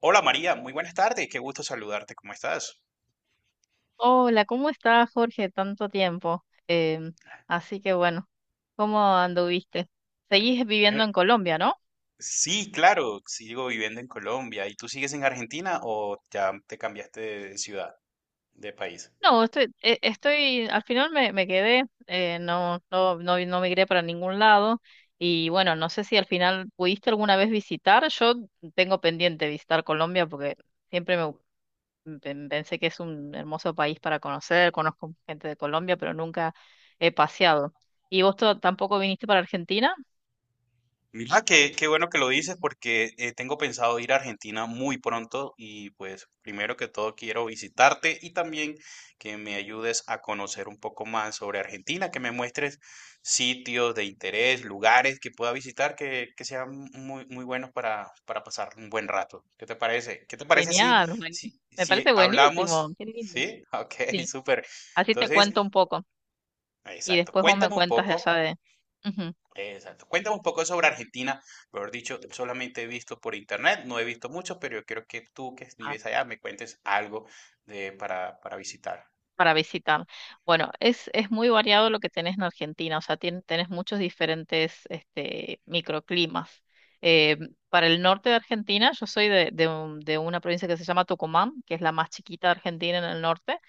Hola María, muy buenas tardes, qué gusto saludarte, ¿cómo estás? Hola, ¿cómo estás, Jorge? Tanto tiempo. Así que bueno, ¿cómo anduviste? Seguís Eh, viviendo en Colombia, ¿no? Sí claro, sigo viviendo en Colombia. ¿Y tú sigues en Argentina o ya te cambiaste de ciudad, de país? No, estoy, al final me quedé, no, no migré para ningún lado. Y bueno, no sé si al final pudiste alguna vez visitar. Yo tengo pendiente visitar Colombia porque siempre pensé que es un hermoso país para conocer. Conozco gente de Colombia, pero nunca he paseado. ¿Y vos tampoco viniste para Argentina? Mira, qué bueno que lo dices porque tengo pensado ir a Argentina muy pronto y pues primero que todo quiero visitarte y también que me ayudes a conocer un poco más sobre Argentina, que me muestres sitios de interés, lugares que pueda visitar que sean muy, muy buenos para pasar un buen rato. ¿Qué te parece? ¿Qué te parece si, Genial, si, me parece si buenísimo, hablamos? qué lindo. ¿Sí? Ok, Sí, súper. así te Entonces, cuento un poco y exacto. después vos me Cuéntame un cuentas de poco. esa de ujú, Exacto. Cuéntame un poco sobre Argentina. Mejor dicho, solamente he visto por internet, no he visto mucho, pero yo quiero que tú que ah, vives allá me cuentes algo para visitar. para visitar. Bueno, es muy variado lo que tenés en Argentina, o sea, tenés muchos diferentes este, microclimas. Eh, para el norte de Argentina, yo soy de de una provincia que se llama Tucumán, que es la más chiquita de Argentina en el norte.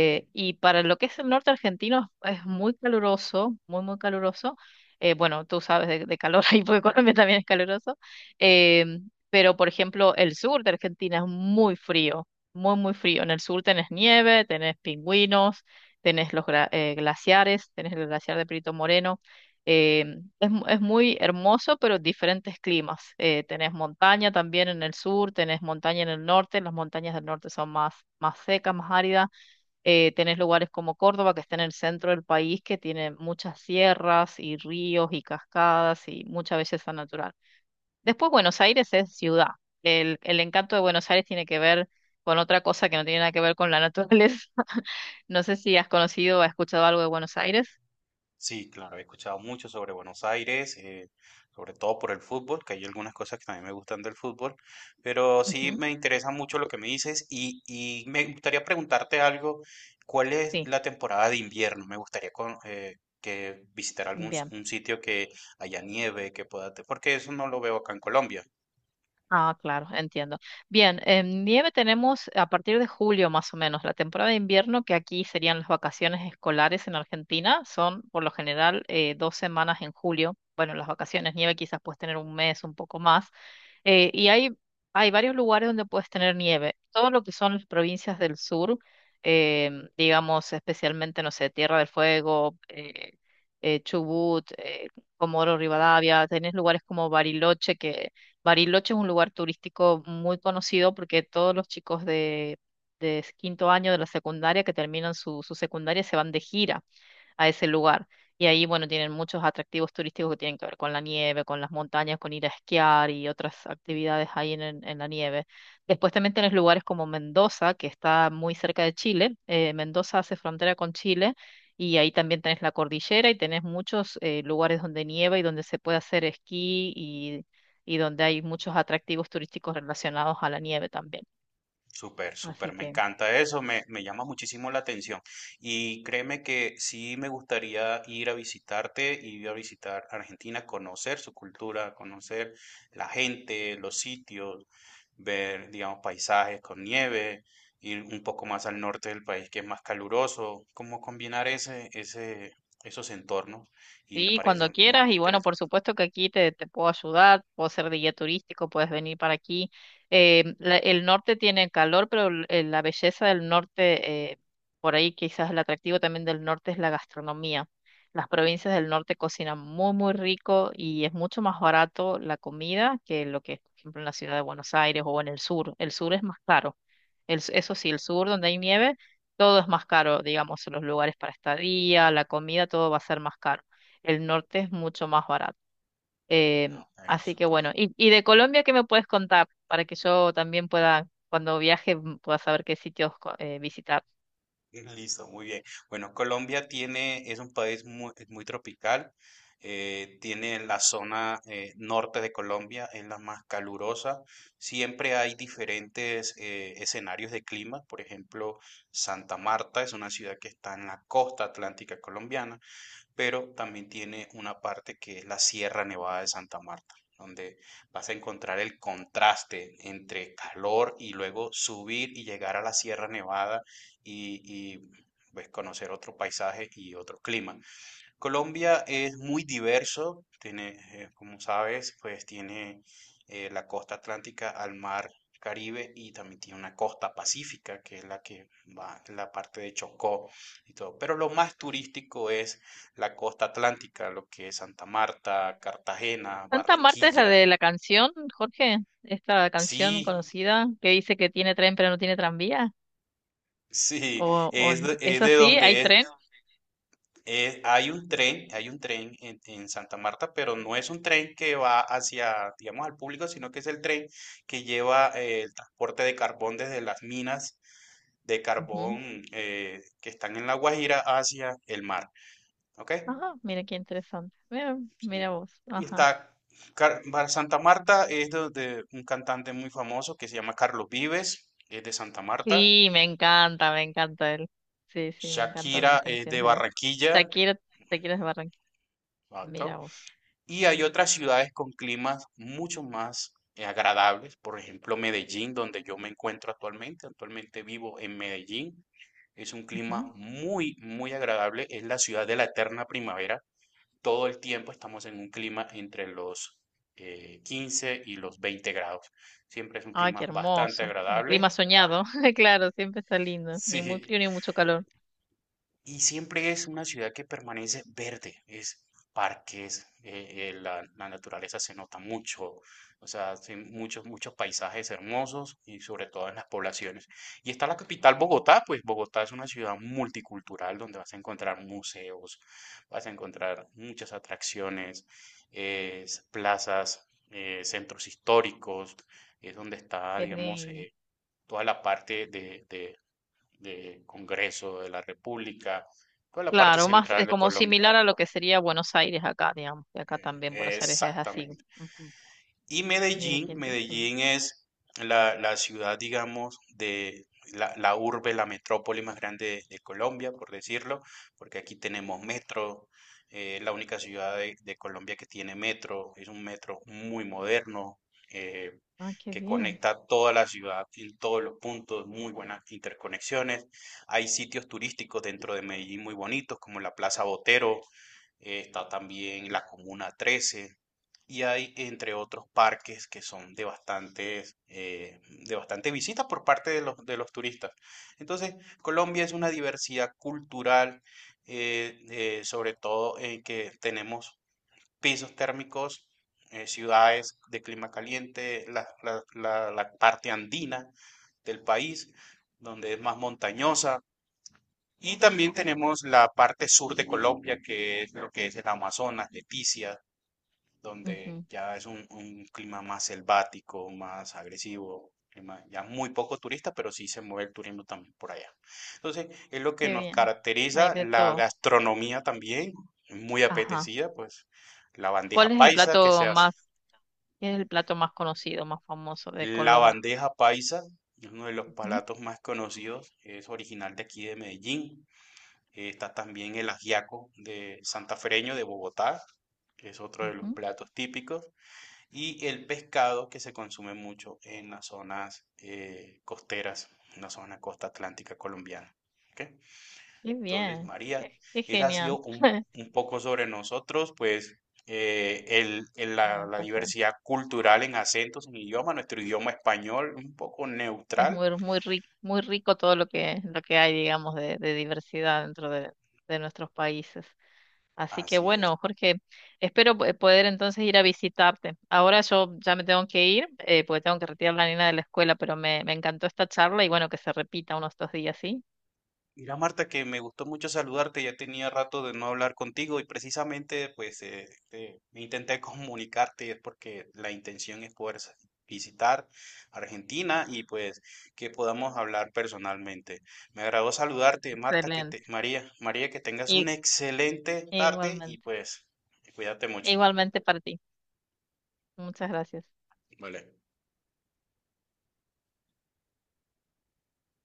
¿Sí? Y para lo que es el norte argentino es muy caluroso, muy, muy caluroso. Bueno, tú sabes de calor ahí, porque Colombia también es caluroso. Eh, pero, por ejemplo, el sur de Argentina es muy frío, muy, muy frío. En el sur tenés nieve, tenés pingüinos, tenés los glaciares, tenés el glaciar de Perito Moreno. Eh, es, es muy hermoso, pero diferentes climas. Tenés montaña también en el sur, tenés montaña en el norte. Las montañas del norte son más, más secas, más áridas. Tenés lugares como Córdoba, que está en el centro del país, que tiene muchas sierras y ríos y cascadas y mucha belleza natural. Después, Buenos Aires es ciudad. El encanto de Buenos Aires tiene que ver con otra cosa que no tiene nada que ver con la naturaleza. No sé si has conocido o has escuchado algo de Buenos Aires. Sí, claro, he escuchado mucho sobre Buenos Aires, sobre todo por el fútbol, que hay algunas cosas que también me gustan del fútbol, pero sí Ujú, me interesa mucho lo que me dices y me gustaría preguntarte algo, ¿cuál es sí, la temporada de invierno? Me gustaría que visitar algún bien. un sitio que haya nieve, que porque eso no lo veo acá en Colombia. Ah, claro, entiendo. Bien, en nieve tenemos a partir de julio más o menos, la temporada de invierno, que aquí serían las vacaciones escolares en Argentina, son por lo general dos semanas en julio. Bueno, las vacaciones nieve quizás puedes tener un mes, un poco más. Eh, y hay, hay varios lugares donde puedes tener nieve. Todo lo que son las provincias del sur, digamos especialmente, no sé, Tierra del Fuego, Chubut, Comodoro Rivadavia, tenés lugares como Bariloche que Bariloche es un lugar turístico muy conocido porque todos los chicos de quinto año de la secundaria que terminan su secundaria se van de gira a ese lugar. Y ahí, bueno, tienen muchos atractivos turísticos que tienen que ver con la nieve, con las montañas, con ir a esquiar y otras actividades ahí en la nieve. Después también tienes lugares como Mendoza, que está muy cerca de Chile. Mendoza hace frontera con Chile y ahí también tenés la cordillera y tenés muchos lugares donde nieva y donde se puede hacer esquí y donde hay muchos atractivos turísticos relacionados a la nieve también. Súper, Así súper, me que... encanta eso, me llama muchísimo la atención. Y créeme que sí me gustaría ir a visitarte, ir a visitar Argentina, conocer su cultura, conocer la gente, los sitios, ver, digamos, paisajes con nieve, ir un poco más al norte del país que es más caluroso, cómo combinar esos entornos y me Sí, parece cuando quieras. muy Y bueno, por interesante. supuesto que aquí te puedo ayudar, puedo ser de guía turístico, puedes venir para aquí. El norte tiene calor, pero la belleza del norte, por ahí quizás el atractivo también del norte es la gastronomía. Las provincias del norte cocinan muy, muy rico y es mucho más barato la comida que lo que es, por ejemplo, en la ciudad de Buenos Aires o en el sur. El sur es más caro. Eso sí, el sur donde hay nieve, todo es más caro, digamos, los lugares para estadía, la comida, todo va a ser más caro. El norte es mucho más barato. Ah, ok, Así que súper. bueno, y de Colombia, ¿qué me puedes contar para que yo también pueda, cuando viaje, pueda saber qué sitios visitar? Listo, muy bien. Bueno, es un país es muy tropical. Tiene la zona norte de Colombia, es la más calurosa. Siempre hay diferentes escenarios de clima. Por ejemplo, Santa Marta es una ciudad que está en la costa atlántica colombiana, pero también tiene una parte que es la Sierra Nevada de Santa Marta, donde vas a encontrar el contraste entre calor y luego subir y llegar a la Sierra Nevada y, y, pues, conocer otro paisaje y otro clima. Colombia es muy diverso, tiene, como sabes, pues tiene la costa atlántica al mar Caribe, y también tiene una costa pacífica, que es la que va en la parte de Chocó y todo. Pero lo más turístico es la costa atlántica, lo que es Santa Marta, Cartagena, Santa Marta es la Barranquilla. de la canción, Jorge, esta Sí, canción conocida que dice que tiene tren pero no tiene tranvía. sí, ¿O, es es de así? ¿Hay donde tren? Hay un tren en Santa Marta, pero no es un tren que va hacia, digamos, al público, sino que es el tren que lleva el transporte de carbón desde las minas de Ujú. carbón que están en La Guajira hacia el mar. ¿Ok? Ajá, mira qué interesante. Mira, Sí. mira vos. Y Ajá. está Santa Marta, de un cantante muy famoso que se llama Carlos Vives, es de Santa Marta. Sí, me encanta él. Sí, sí, me encantan las Shakira es canciones de de él. Barranquilla, Shakira, Shakira es de Barranquilla. Mira exacto. vos. Y hay otras ciudades con climas mucho más agradables, por ejemplo Medellín, donde yo me encuentro actualmente. Actualmente vivo en Medellín. Es un clima Ujú. muy, muy agradable. Es la ciudad de la eterna primavera. Todo el tiempo estamos en un clima entre los 15 y los 20 grados. Siempre es un Ay, qué clima bastante hermoso. Un agradable. clima soñado. Claro, siempre está lindo. Ni muy Sí, frío ni mucho calor. y siempre es una ciudad que permanece verde, es parques, la, la naturaleza se nota mucho, o sea, hay muchos, muchos paisajes hermosos y sobre todo en las poblaciones. Y está la capital Bogotá, pues Bogotá es una ciudad multicultural donde vas a encontrar museos, vas a encontrar muchas atracciones, plazas, centros históricos, es donde está, Qué digamos, lindo. Toda la parte de de Congreso de la República, toda la parte Claro, más central es de como Colombia. similar a lo que sería Buenos Aires acá, digamos. Que acá también Buenos Aires es así. Exactamente. Ujú. Y Mira qué Medellín, interesante. Medellín es la ciudad, digamos, de la urbe, la metrópoli más grande de Colombia, por decirlo, porque aquí tenemos metro, la única ciudad de Colombia que tiene metro, es un metro muy moderno, eh, Ah, qué que bien. conecta toda la ciudad en todos los puntos, muy buenas interconexiones. Hay sitios turísticos dentro de Medellín muy bonitos, como la Plaza Botero, está también la Comuna 13 y hay, entre otros, parques que son de bastantes, de bastante visitas por parte de los turistas. Entonces, Colombia es una Sí. diversidad cultural, sobre todo en que tenemos pisos térmicos, ciudades de clima caliente, la parte andina del país, donde es más montañosa. Y también tenemos la parte sur de Colombia, que es lo que es el Amazonas, Leticia, donde Ujú, ya es un clima más selvático, más agresivo, clima ya muy poco turista, pero sí se mueve el turismo también por allá. Entonces, es lo que qué nos bien. Hay caracteriza, de la todo. gastronomía también, muy Ajá. apetecida, pues la ¿Cuál bandeja es el paisa que plato se hace. más, qué es el plato más conocido, más famoso de La Colombia? bandeja paisa es uno de los Ujú, platos más conocidos, es original de aquí de Medellín. Está también el ajiaco de santafereño de Bogotá, que es otro de los ujú. platos típicos. Y el pescado que se consume mucho en las zonas costeras, en la zona costa atlántica colombiana. ¿Ok? Qué Entonces, bien. María, Qué, qué esa ha genial. sido un poco sobre nosotros, pues Un la placer. diversidad cultural en acentos, en idioma, nuestro idioma español, un poco Es neutral. muy, muy rico todo lo que hay, digamos, de diversidad dentro de nuestros países. Así que Así es. bueno, Jorge, espero poder entonces ir a visitarte. Ahora yo ya me tengo que ir, porque tengo que retirar a la nena de la escuela, pero me encantó esta charla y bueno, que se repita unos dos días, ¿sí? Mira, Marta, que me gustó mucho saludarte, ya tenía rato de no hablar contigo y precisamente pues me intenté comunicarte, y es porque la intención es poder visitar Argentina y pues que podamos hablar personalmente. Me agradó saludarte, Marta, Excelente. María, María, que tengas una Y, excelente tarde y igualmente. pues cuídate mucho. Igualmente para ti. Muchas gracias. Vale.